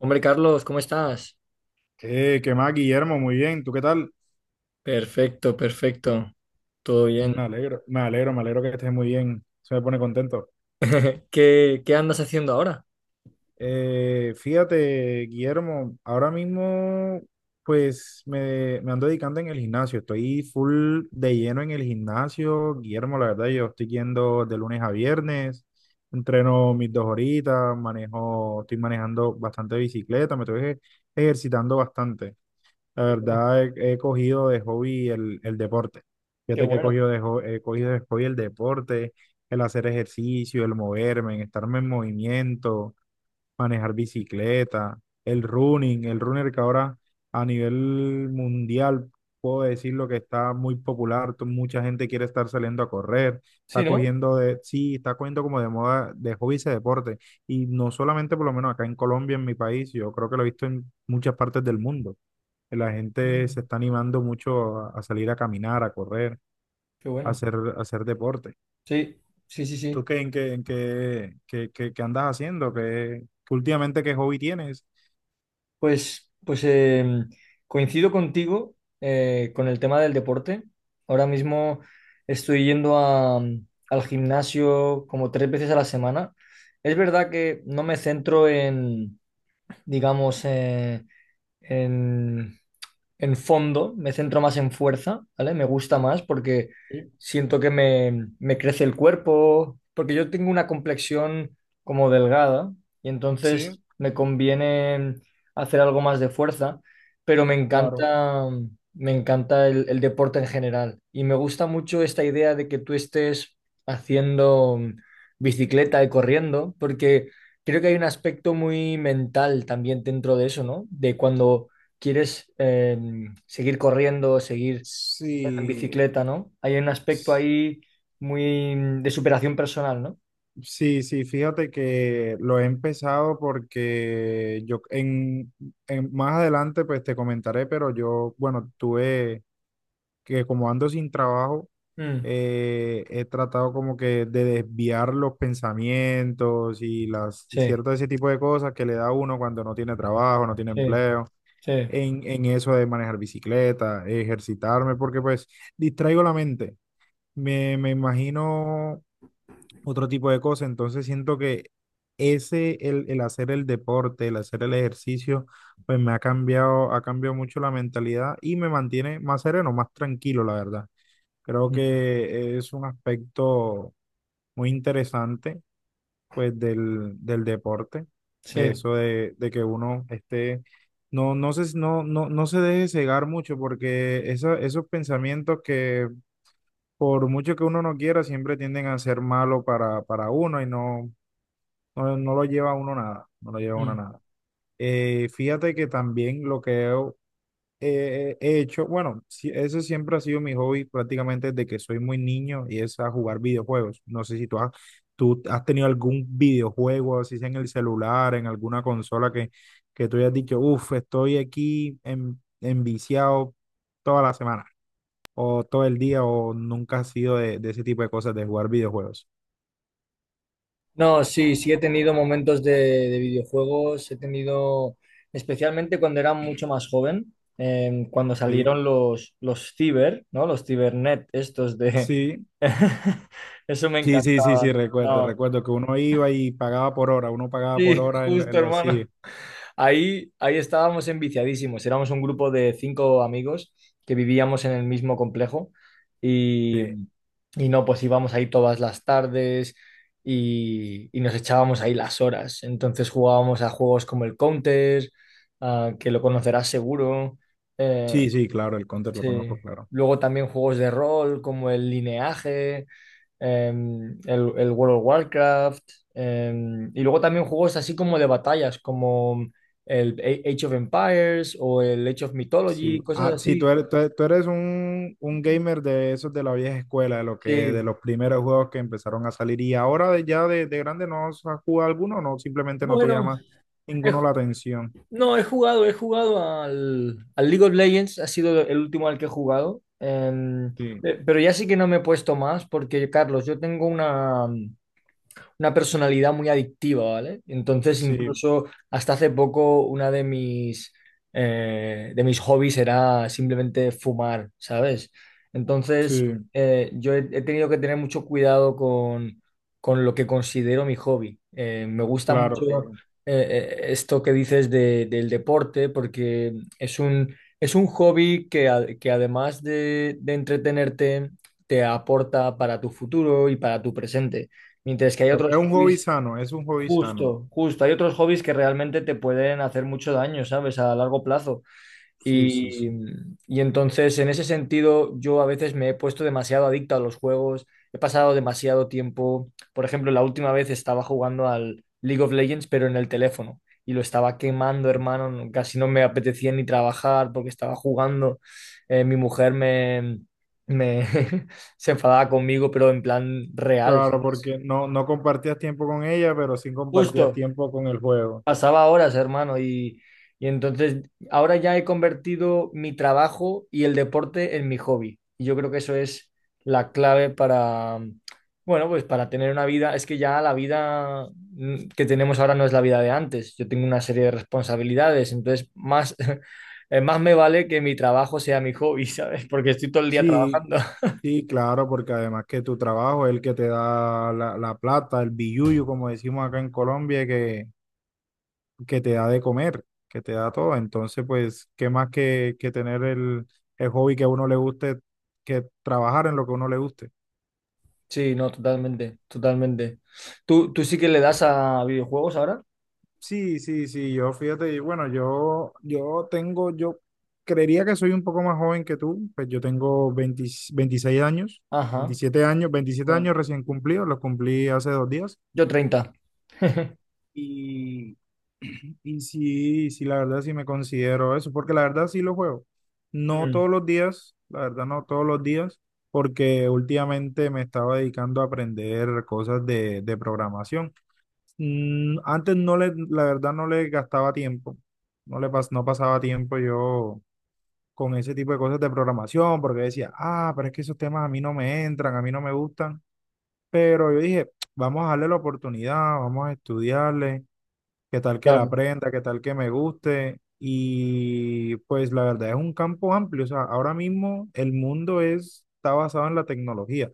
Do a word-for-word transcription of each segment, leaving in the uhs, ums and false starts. Hombre, Carlos, ¿cómo estás? Eh, ¿qué más, Guillermo? Muy bien, ¿tú qué tal? Perfecto, perfecto. Todo bien. Me alegro, me alegro, me alegro que estés muy bien. Se me pone contento. ¿Qué, qué andas haciendo ahora? Eh, fíjate, Guillermo, ahora mismo pues me, me ando dedicando en el gimnasio. Estoy full de lleno en el gimnasio, Guillermo, la verdad. Yo estoy yendo de lunes a viernes, entreno mis dos horitas, manejo, estoy manejando bastante bicicleta, me estoy ej- ejercitando bastante. La Qué bueno, verdad, he, he cogido de hobby el, el deporte. qué Fíjate que he bueno. cogido de, ho- he cogido de hobby el deporte, el hacer ejercicio, el moverme, el estarme en movimiento, manejar bicicleta, el running, el runner, que ahora a nivel mundial puedo decir lo que está muy popular. To- mucha gente quiere estar saliendo a correr, Sí, está ¿no? cogiendo de, sí, está cogiendo como de moda, de hobby ese deporte. Y no solamente por lo menos acá en Colombia, en mi país, yo creo que lo he visto en muchas partes del mundo. La gente Mm, se está animando mucho a, a salir a caminar, a correr, qué a bueno. hacer, a hacer deporte. Sí, sí, sí, ¿Tú sí. qué, en qué, en qué, qué, qué- qué andas haciendo? ¿Qué, qué últimamente qué hobby tienes? Pues, pues em, coincido contigo, eh, con el tema del deporte. Ahora mismo estoy yendo a, mm, al gimnasio como tres veces a la semana. Es verdad que no me centro en, digamos, eh, en en fondo, me centro más en fuerza, ¿vale? Me gusta más porque Sí, siento que me, me crece el cuerpo, porque yo tengo una complexión como delgada y sí, entonces me conviene hacer algo más de fuerza, pero me claro. encanta, me encanta el, el deporte en general y me gusta mucho esta idea de que tú estés haciendo bicicleta y corriendo, porque creo que hay un aspecto muy mental también dentro de eso, ¿no? De cuando quieres, eh, seguir corriendo, seguir en Sí, bicicleta, ¿no? Hay un aspecto ahí muy mm, de superación personal, ¿no? sí, sí, fíjate que lo he empezado porque yo en, en- más adelante pues te comentaré, pero yo, bueno, tuve que, como ando sin trabajo, Mm, eh, he tratado como que de desviar los pensamientos y las y sí, cierto ese tipo de cosas que le da a uno cuando no tiene trabajo, no tiene sí, empleo, sí, en, en eso de manejar bicicleta, ejercitarme, porque pues distraigo la mente, me, me imagino otro tipo de cosas. Entonces siento que ese, el, el hacer el deporte, el hacer el ejercicio, pues me ha cambiado, ha cambiado mucho la mentalidad y me mantiene más sereno, más tranquilo, la verdad. Creo mm, que es un aspecto muy interesante, pues, del, del deporte. sí. Eso de, de que uno esté, no, no se, no, no, no se deje cegar mucho, porque eso- esos pensamientos, que por mucho que uno no quiera, siempre tienden a ser malo para, para uno, y no, no, no lo lleva a uno nada, no lo lleva a uno Mm. nada. Eh, fíjate que también lo que he eh, he hecho, bueno, sí, ese siempre ha sido mi hobby prácticamente desde que soy muy niño, y es a jugar videojuegos. No sé si tú has, tú has tenido algún videojuego, así sea en el celular, en alguna consola, que, que, tú hayas dicho, uff, estoy aquí en, enviciado toda la semana, o todo el día, o nunca has sido de, de ese tipo de cosas, de jugar videojuegos. No, sí, sí he tenido momentos de, de videojuegos, he tenido, especialmente cuando era mucho más joven, eh, cuando Sí, salieron los, los ciber, ¿no? Los cibernet, estos de… sí. Eso me Sí, sí, sí, sí, encantaba. recuerdo, No, recuerdo que uno iba y pagaba por hora, uno pagaba por sí, hora en, lo- justo, en los hermano. C I E. Ahí, ahí estábamos enviciadísimos. Éramos un grupo de cinco amigos que vivíamos en el mismo complejo y, y no, pues íbamos ahí todas las tardes y, y nos echábamos ahí las horas. Entonces jugábamos a juegos como el Counter, ah, que lo conocerás seguro. eh, Sí, sí, claro, el Counter lo Sí. conozco, claro. Luego también juegos de rol como el Lineaje, em, el, el World of Warcraft, em, y luego también juegos así como de batallas, como el A- Age of Empires o el Age of Sí, Mythology, cosas ah, sí, tú así. eres, tú eres, tú eres un, un gamer de esos de la vieja escuela, de lo que, de Sí. los primeros juegos que empezaron a salir, y ahora de- ya de, de grande no has jugado alguno, no, simplemente no te Bueno, llama he ninguno la ju- atención. no, he jugado, he jugado al, al League of Legends, ha sido el último al que he jugado, em, Sí, pe- pero ya sí que no me he puesto más porque, Carlos, yo tengo una… una personalidad muy adictiva, ¿vale? Entonces, sí, incluso hasta hace poco, una de mis, eh, de mis hobbies era simplemente fumar, ¿sabes? Entonces, sí, eh, yo he, he tenido que tener mucho cuidado con, con lo que considero mi hobby. Eh, me gusta mucho, claro, claro, eh, eh, esto que dices de- del deporte, porque es un, es un hobby que, a- que además de, de entretenerte, te aporta para tu futuro y para tu presente. Mientras que hay claro. Es otros un hobby hobbies, sano, es un hobby sano. justo, justo, hay otros hobbies que realmente te pueden hacer mucho daño, ¿sabes? A largo plazo. Sí, sí, Y, sí. y entonces, en ese sentido, yo a veces me he puesto demasiado adicto a los juegos, he pasado demasiado tiempo. Por ejemplo, la última vez estaba jugando al League of Legends, pero en el teléfono. Y lo estaba quemando, hermano. no- Casi no me apetecía ni trabajar porque estaba jugando. Eh, mi mujer me, me se enfadaba conmigo, pero en plan real, Claro, ¿sabes? porque no, no compartías tiempo con ella, pero sí compartías Justo. tiempo con el juego. Pasaba horas, hermano, y, y entonces ahora ya he convertido mi trabajo y el deporte en mi hobby. Y yo creo que eso es la clave para, mm, bueno, pues para tener una vida. Es que ya la vida mm, que tenemos ahora no es la vida de antes. Yo tengo una serie de responsabilidades, entonces más, eh, más me vale que mi trabajo sea mi hobby, ¿sabes? Porque estoy todo el día Sí, trabajando. sí, claro, porque además que tu trabajo es el que te da la, la plata, el billuyo, como decimos acá en Colombia, que, que te da de comer, que te da todo. Entonces, pues, ¿qué más que, que tener el, el hobby que a uno le guste, que trabajar en lo que a uno le guste? Sí, no, totalmente, totalmente. ¿Tú, tú sí que le das a videojuegos ahora? Sí, sí, sí, yo fíjate, y bueno, yo, yo tengo, yo creería que soy un poco más joven que tú, pues yo tengo veinte veintiséis años, Ajá, veintisiete años, veintisiete bueno, años recién cumplidos, los cumplí hace dos días. yo treinta. Y, y sí, sí, la verdad sí me considero eso, porque la verdad sí lo juego. No Mm, todos los días, la verdad no todos los días, porque últimamente me estaba dedicando a aprender cosas de, de programación. Mm, antes no le, la verdad, no le gastaba tiempo, no le pas- no pasaba tiempo yo con ese tipo de cosas de programación, porque decía, ah, pero es que esos temas a mí no me entran, a mí no me gustan. Pero yo dije, vamos a darle la oportunidad, vamos a estudiarle, qué tal que la claro, aprenda, qué tal que me guste. Y pues la verdad es un campo amplio, o sea, ahora mismo el mundo es, está basado en la tecnología.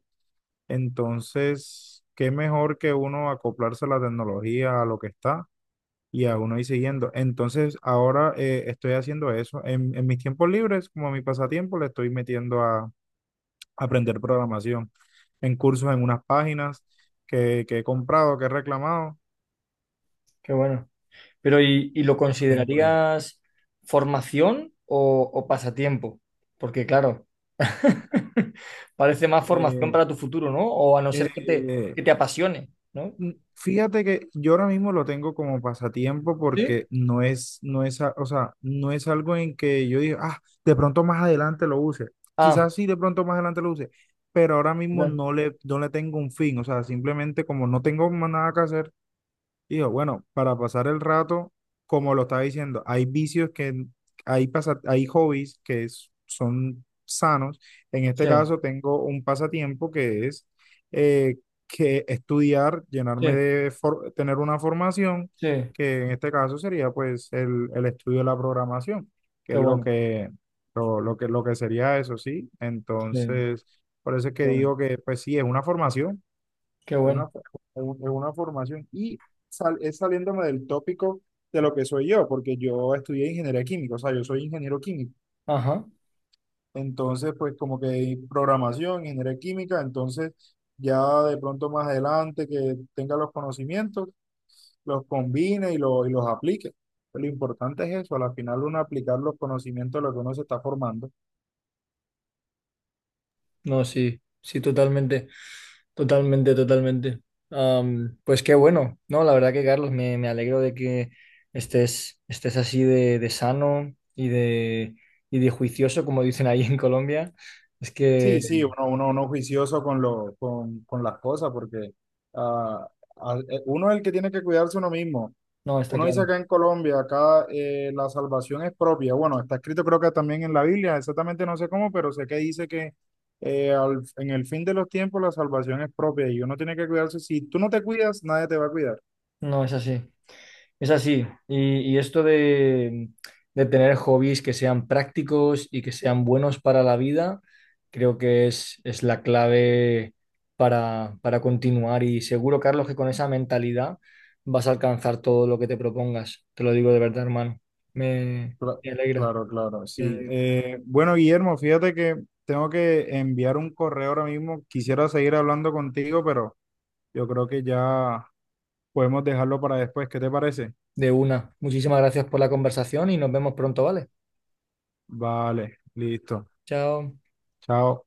Entonces, qué mejor que uno acoplarse a la tecnología, a lo que está, y a uno ir siguiendo. Entonces, ahora eh, estoy haciendo eso. En, en mis tiempos libres, como mi pasatiempo, le estoy metiendo a aprender programación en cursos, en unas páginas que, que he comprado, que he reclamado. qué bueno. Pero ¿y, y lo Tengo ahí. considerarías formación o, o pasatiempo? Porque claro, parece más formación Eh, para tu futuro, ¿no? O a no ser que te, eh, que te apasione, ¿no? Mm, Fíjate que yo ahora mismo lo tengo como pasatiempo, Sí, porque no es, no es, a- o sea, no es algo en que yo diga, ah, de pronto más adelante lo use. ah, Quizás sí, de pronto más adelante lo use, pero ahora mismo ya. no le, no le tengo un fin. O sea, simplemente como no tengo más nada que hacer, digo, bueno, para pasar el rato, como lo estaba diciendo, hay vicios que, hay, pasa- hay hobbies que es- son sanos. En este Sí, caso tengo un pasatiempo que es eh, que estudiar, llenarme sí, de, for- tener una formación, sí, que en este caso sería pues el, el estudio de la programación, que qué es lo bueno, que, lo, lo que, lo que sería eso, ¿sí? sí, Entonces, por eso es que qué bueno, digo que pues sí, es una formación, qué es bueno. una, fo- es un- es una formación, y sal- es saliéndome del tópico de lo que soy yo, porque yo estudié ingeniería química, o sea, yo soy ingeniero químico. Ajá, Entonces, pues como que hay programación, ingeniería química, entonces ya de pronto más adelante que tenga los conocimientos, los combine, y, lo- y los aplique. Lo importante es eso, al final uno aplicar los conocimientos de lo que uno se está formando. no, sí, sí, totalmente. Totalmente, totalmente. Am, pues qué bueno, ¿no? La verdad que Carlos, me, me alegro de que estés, estés así de, de sano y de, y de juicioso, como dicen ahí en Colombia. Es que, Sí, sí, uno, uno, uno juicioso con, lo, con, con las cosas, porque ah, ah, eh, uno es el que tiene que cuidarse uno mismo. no, está Uno dice claro, acá en Colombia, acá eh, la salvación es propia. Bueno, está escrito, creo que también en la Biblia, exactamente no sé cómo, pero sé que dice que eh, al- en el fin de los tiempos la salvación es propia y uno tiene que cuidarse. Si tú no te cuidas, nadie te va a cuidar. no es así. Es así. Y, y esto de, de tener hobbies que sean prácticos y que sean buenos para la vida, creo que es, es la clave para, para continuar. Y seguro, Carlos, que con esa mentalidad vas a alcanzar todo lo que te propongas. Te lo digo de verdad, hermano. Me, Cla- me alegra, Claro, claro, me sí. alegra. Eh, bueno, Guillermo, fíjate que tengo que enviar un correo ahora mismo. Quisiera seguir hablando contigo, pero yo creo que ya podemos dejarlo para después. ¿Qué te parece? De una. Muchísimas gracias por la conversación y nos vemos pronto, ¿vale? Vale, listo. Chao. Chao.